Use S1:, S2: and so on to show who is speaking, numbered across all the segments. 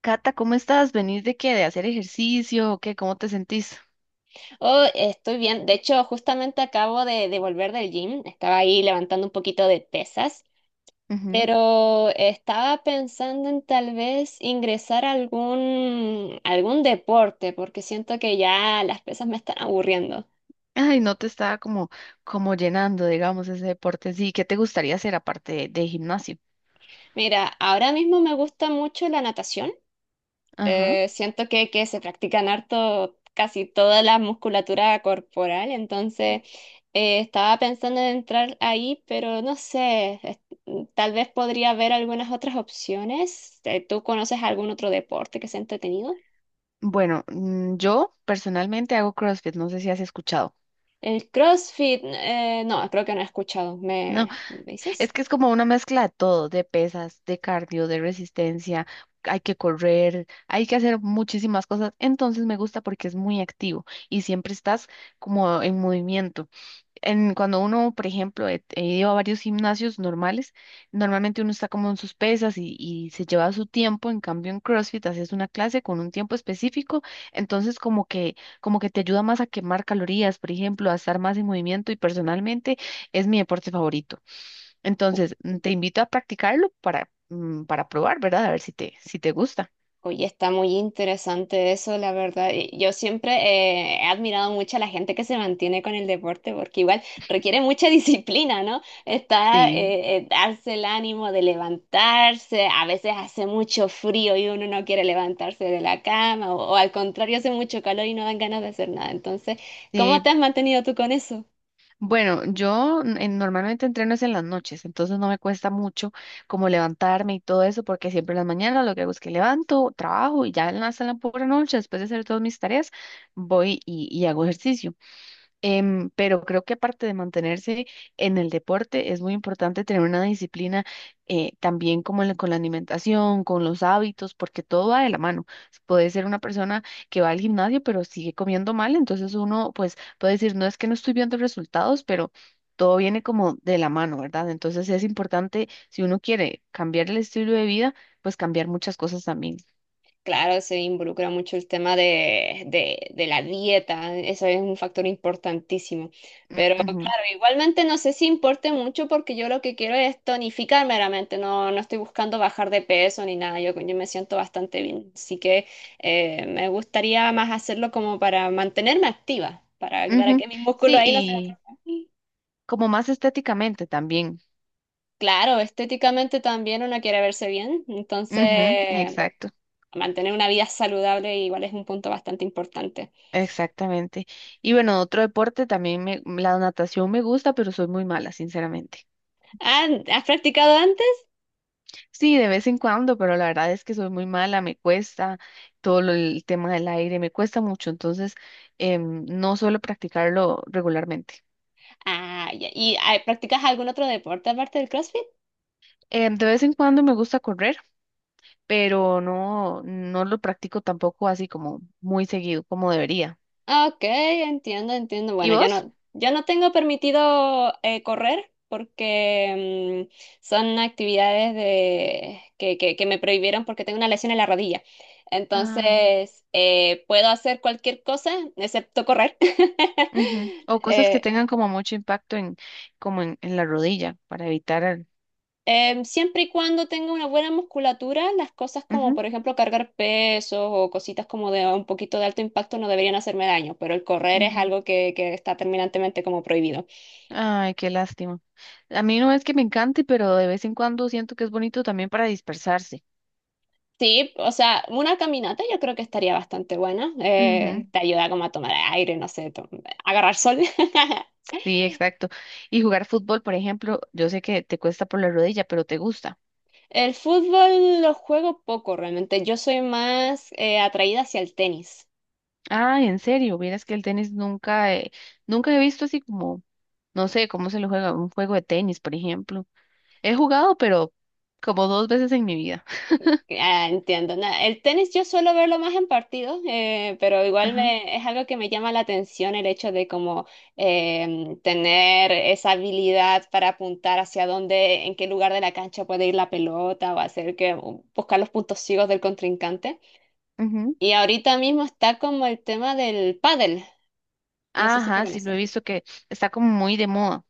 S1: Cata, ¿cómo estás? ¿Venís de qué? ¿De hacer ejercicio o qué? ¿Cómo te sentís?
S2: Oh, estoy bien. De hecho, justamente acabo de volver del gym. Estaba ahí levantando un poquito de pesas,
S1: Ujú.
S2: pero estaba pensando en tal vez ingresar a algún deporte, porque siento que ya las pesas me están aburriendo.
S1: Ay, no te estaba como, como llenando, digamos, ese deporte. Sí, ¿qué te gustaría hacer aparte de gimnasio?
S2: Mira, ahora mismo me gusta mucho la natación.
S1: Ajá.
S2: Siento que se practican harto casi toda la musculatura corporal, entonces estaba pensando en entrar ahí, pero no sé, tal vez podría haber algunas otras opciones. ¿Tú conoces algún otro deporte que sea entretenido?
S1: Bueno, yo personalmente hago CrossFit, no sé si has escuchado.
S2: El CrossFit, no, creo que no he escuchado.
S1: No,
S2: ¿Me
S1: es
S2: dices?
S1: que es como una mezcla de todo, de pesas, de cardio, de resistencia, hay que correr, hay que hacer muchísimas cosas. Entonces me gusta porque es muy activo y siempre estás como en movimiento. Cuando uno, por ejemplo, he ido a varios gimnasios normales, normalmente uno está como en sus pesas y se lleva su tiempo, en cambio en CrossFit haces una clase con un tiempo específico, entonces como que te ayuda más a quemar calorías, por ejemplo, a estar más en movimiento y personalmente es mi deporte favorito. Entonces, te invito a practicarlo para, para probar, ¿verdad? A ver si te gusta.
S2: Oye, está muy interesante eso, la verdad. Y yo siempre he admirado mucho a la gente que se mantiene con el deporte, porque igual requiere mucha disciplina, ¿no? Está
S1: Sí.
S2: darse el ánimo de levantarse, a veces hace mucho frío y uno no quiere levantarse de la cama, o al contrario, hace mucho calor y no dan ganas de hacer nada. Entonces, ¿cómo
S1: Sí,
S2: te has mantenido tú con eso?
S1: bueno, normalmente entreno es en las noches, entonces no me cuesta mucho como levantarme y todo eso, porque siempre en las mañanas lo que hago es que levanto, trabajo y ya hasta la pura noche, después de hacer todas mis tareas, voy y hago ejercicio. Pero creo que aparte de mantenerse en el deporte, es muy importante tener una disciplina también como con la alimentación, con los hábitos, porque todo va de la mano. Puede ser una persona que va al gimnasio, pero sigue comiendo mal, entonces uno pues puede decir, no es que no estoy viendo resultados, pero todo viene como de la mano, ¿verdad? Entonces es importante, si uno quiere cambiar el estilo de vida, pues cambiar muchas cosas también.
S2: Claro, se involucra mucho el tema de la dieta, eso es un factor importantísimo. Pero
S1: Ujú,
S2: claro, igualmente no sé si importe mucho porque yo lo que quiero es tonificar meramente, no, no estoy buscando bajar de peso ni nada, yo me siento bastante bien. Así que me gustaría más hacerlo como para mantenerme activa, para que
S1: ujú.
S2: mis músculos
S1: Sí,
S2: ahí no se
S1: y
S2: atrofien.
S1: como más estéticamente también.
S2: Claro, estéticamente también uno quiere verse bien,
S1: Ujú,
S2: entonces
S1: exacto,
S2: mantener una vida saludable igual es un punto bastante importante.
S1: exactamente. Y bueno, otro deporte también me, la natación me gusta, pero soy muy mala, sinceramente.
S2: Ah, ¿has practicado antes?
S1: Sí, de vez en cuando, pero la verdad es que soy muy mala, me cuesta el tema del aire, me cuesta mucho, entonces no suelo practicarlo regularmente.
S2: Ah, ya. ¿Y ah, practicas algún otro deporte aparte del CrossFit?
S1: De vez en cuando me gusta correr, pero no, no lo practico tampoco así como muy seguido, como debería.
S2: Ok, entiendo, entiendo.
S1: ¿Y
S2: Bueno,
S1: vos?
S2: yo no tengo permitido correr porque son actividades de, que me prohibieron porque tengo una lesión en la rodilla. Entonces, puedo hacer cualquier cosa excepto correr.
S1: Ujú. O cosas que
S2: Eh,
S1: tengan como mucho impacto en, como en la rodilla, para evitar
S2: Siempre y cuando tenga una buena musculatura, las cosas como,
S1: Ujú,
S2: por ejemplo, cargar pesos o cositas como de un poquito de alto impacto no deberían hacerme daño, pero el correr es
S1: ujú.
S2: algo que está terminantemente como prohibido.
S1: Ay, qué lástima. A mí no es que me encante, pero de vez en cuando siento que es bonito también para dispersarse.
S2: Sí, o sea, una caminata yo creo que estaría bastante buena.
S1: Ujú.
S2: Te ayuda como a tomar aire, no sé, agarrar sol.
S1: Sí, exacto. Y jugar fútbol, por ejemplo, yo sé que te cuesta por la rodilla, pero te gusta.
S2: El fútbol lo juego poco realmente. Yo soy más atraída hacia el tenis.
S1: Ah, en serio, vieras que el tenis nunca, nunca he visto así como, no sé, cómo se lo juega, un juego de tenis, por ejemplo. He jugado, pero como dos veces en mi vida.
S2: Ah, entiendo. El tenis yo suelo verlo más en partidos, pero es algo que me llama la atención el hecho de como tener esa habilidad para apuntar hacia dónde, en qué lugar de la cancha puede ir la pelota o hacer que o buscar los puntos ciegos del contrincante.
S1: Ajá.
S2: Y ahorita mismo está como el tema del pádel. No sé si lo
S1: Ajá, sí, lo he
S2: conoces.
S1: visto que está como muy de moda.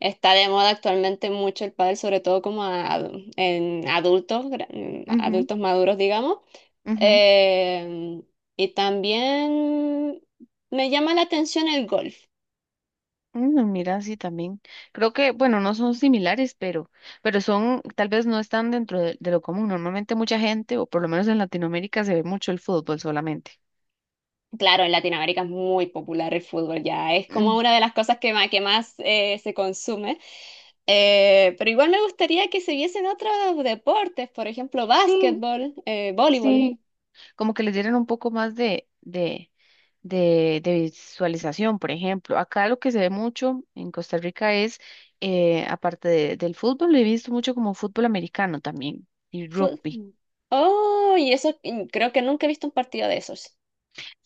S2: Está de moda actualmente mucho el pádel, sobre todo en adultos,
S1: Ujú,
S2: adultos maduros, digamos.
S1: ujú.
S2: Eh, y también me llama la atención el golf.
S1: Mm, mira, sí, también. Creo que, bueno, no son similares, pero son, tal vez no están dentro de lo común. Normalmente mucha gente, o por lo menos en Latinoamérica, se ve mucho el fútbol solamente.
S2: Claro, en Latinoamérica es muy popular el fútbol ya, es como
S1: Mm.
S2: una de las cosas que más se consume. Pero igual me gustaría que se viesen otros deportes, por ejemplo,
S1: Sí,
S2: básquetbol, voleibol,
S1: sí. Como que les dieran un poco más de visualización, por ejemplo. Acá lo que se ve mucho en Costa Rica es, aparte del fútbol, lo he visto mucho como fútbol americano también y
S2: fut-
S1: rugby.
S2: Oh, y eso creo que nunca he visto un partido de esos.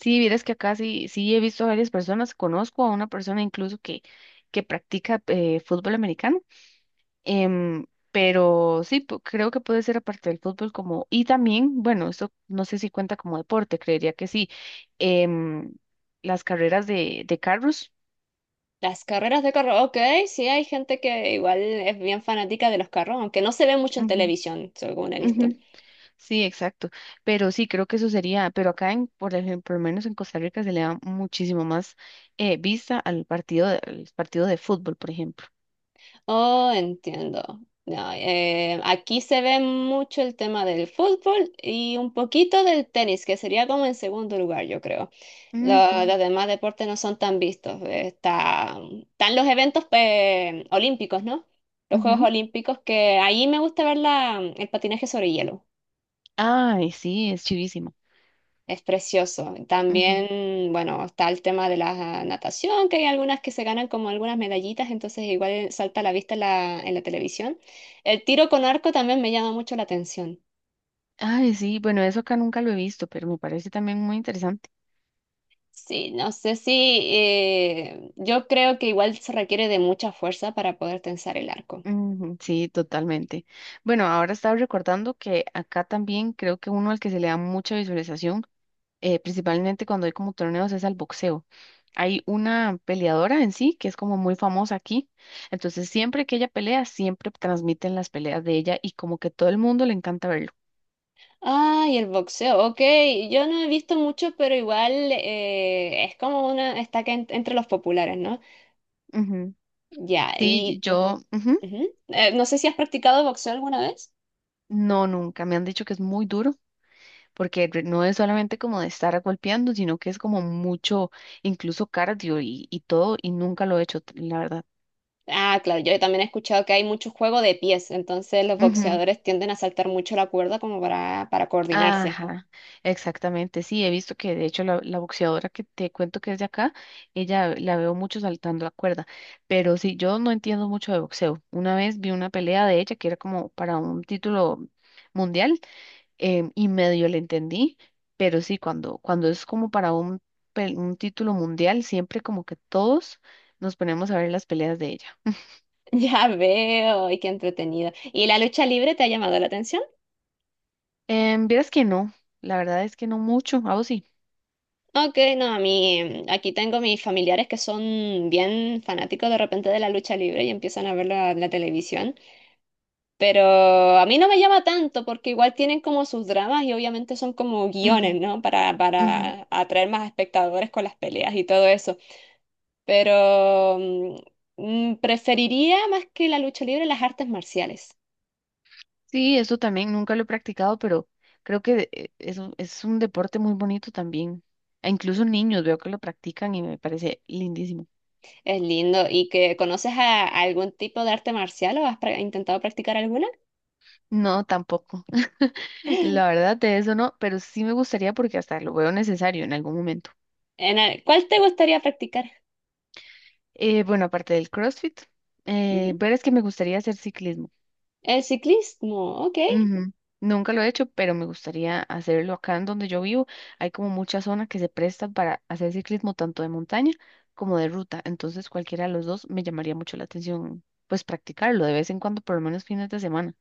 S1: Sí, vieras que acá sí, sí he visto a varias personas, conozco a una persona incluso que practica fútbol americano, pero sí, creo que puede ser aparte del fútbol como, y también, bueno, esto no sé si cuenta como deporte, creería que sí, em, las carreras de carros.
S2: Las carreras de carro, ok, sí hay gente que igual es bien fanática de los carros, aunque no se ve mucho en
S1: Ujú,
S2: televisión, según he
S1: ujú,
S2: visto.
S1: sí, exacto, pero sí, creo que eso sería, pero acá en, por ejemplo, por lo menos en Costa Rica se le da muchísimo más vista al partido, al partido de fútbol, por ejemplo.
S2: Oh, entiendo. No, aquí se ve mucho el tema del fútbol y un poquito del tenis, que sería como en segundo lugar, yo creo.
S1: Ujú,
S2: Los demás deportes no son tan vistos. Están los eventos olímpicos, ¿no? Los Juegos
S1: ujú.
S2: Olímpicos, que ahí me gusta ver el patinaje sobre hielo.
S1: Ay, sí, es chivísimo.
S2: Es precioso.
S1: Ujú.
S2: También, bueno, está el tema de la natación, que hay algunas que se ganan como algunas medallitas, entonces igual salta a la vista en la televisión. El tiro con arco también me llama mucho la atención.
S1: Ay, sí, bueno, eso acá nunca lo he visto, pero me parece también muy interesante.
S2: Sí, no sé si yo creo que igual se requiere de mucha fuerza para poder tensar el arco.
S1: Ujú, sí, totalmente. Bueno, ahora estaba recordando que acá también creo que uno al que se le da mucha visualización, principalmente cuando hay como torneos, es al boxeo. Hay una peleadora en sí que es como muy famosa aquí, entonces siempre que ella pelea, siempre transmiten las peleas de ella y como que todo el mundo le encanta verlo.
S2: Ah, y el boxeo, ok. Yo no he visto mucho, pero igual es como una, está que entre los populares, ¿no?
S1: Ujú.
S2: Ya,
S1: Sí,
S2: y
S1: yo, ujú.
S2: ujú. No sé si has practicado boxeo alguna vez.
S1: No, nunca. Me han dicho que es muy duro, porque no es solamente como de estar golpeando, sino que es como mucho, incluso cardio y todo, y nunca lo he hecho, la verdad.
S2: Ah, claro, yo también he escuchado que hay mucho juego de pies, entonces los
S1: Ujú,
S2: boxeadores tienden a saltar mucho la cuerda como para coordinarse.
S1: ajá, exactamente, sí, he visto que de hecho la boxeadora que te cuento que es de acá, ella la veo mucho saltando la cuerda, pero sí, yo no entiendo mucho de boxeo. Una vez vi una pelea de ella que era como para un título mundial, y medio le entendí, pero sí, cuando es como para un, un título mundial, siempre como que todos nos ponemos a ver las peleas de ella.
S2: Ya veo, y qué entretenido. ¿Y la lucha libre te ha llamado la atención?
S1: Vieras que no, la verdad es que no mucho, a vos sí.
S2: Ok, no, a mí, mm, aquí tengo mis familiares que son bien fanáticos de repente de la lucha libre y empiezan a verla en la televisión, pero a mí no me llama tanto porque igual tienen como sus dramas y obviamente son como
S1: Ujú,
S2: guiones, ¿no?
S1: ujú.
S2: Para atraer más espectadores con las peleas y todo eso. Pero preferiría más que la lucha libre las artes marciales.
S1: Sí, eso también nunca lo he practicado, pero creo que es un deporte muy bonito también. E incluso niños veo que lo practican y me parece lindísimo.
S2: Es lindo. ¿Y que conoces a algún tipo de arte marcial o has intentado practicar alguna?
S1: No, tampoco. La verdad de eso no, pero sí me gustaría porque hasta lo veo necesario en algún momento.
S2: ¿Cuál te gustaría practicar?
S1: Bueno, aparte del CrossFit,
S2: Ujú.
S1: ver es que me gustaría hacer ciclismo.
S2: El ciclismo, ok.
S1: Ujú. Nunca lo he hecho, pero me gustaría hacerlo acá en donde yo vivo. Hay como muchas zonas que se prestan para hacer ciclismo tanto de montaña como de ruta. Entonces, cualquiera de los dos me llamaría mucho la atención, pues practicarlo de vez en cuando, por lo menos fines de semana.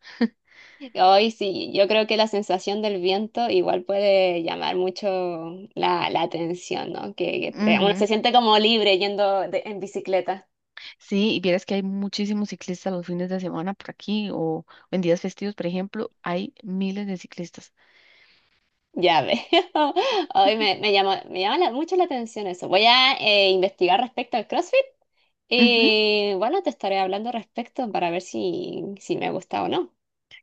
S2: Hoy sí, yo creo que la sensación del viento igual puede llamar mucho la atención, ¿no? Que, uno
S1: Ujú.
S2: se siente como libre en bicicleta.
S1: Sí, y vieras que hay muchísimos ciclistas los fines de semana por aquí o en días festivos, por ejemplo, hay miles de ciclistas.
S2: Ya veo. Hoy me llama mucho la atención eso. Voy a investigar respecto al CrossFit
S1: Ujú.
S2: y bueno, te estaré hablando respecto para ver si, si me gusta o no.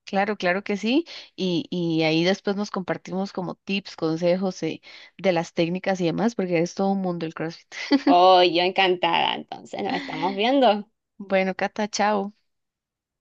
S1: Claro, claro que sí. Y ahí después nos compartimos como tips, consejos, de las técnicas y demás, porque es todo un mundo el CrossFit.
S2: Oh, yo encantada, entonces nos estamos viendo.
S1: Bueno, Cata, chao.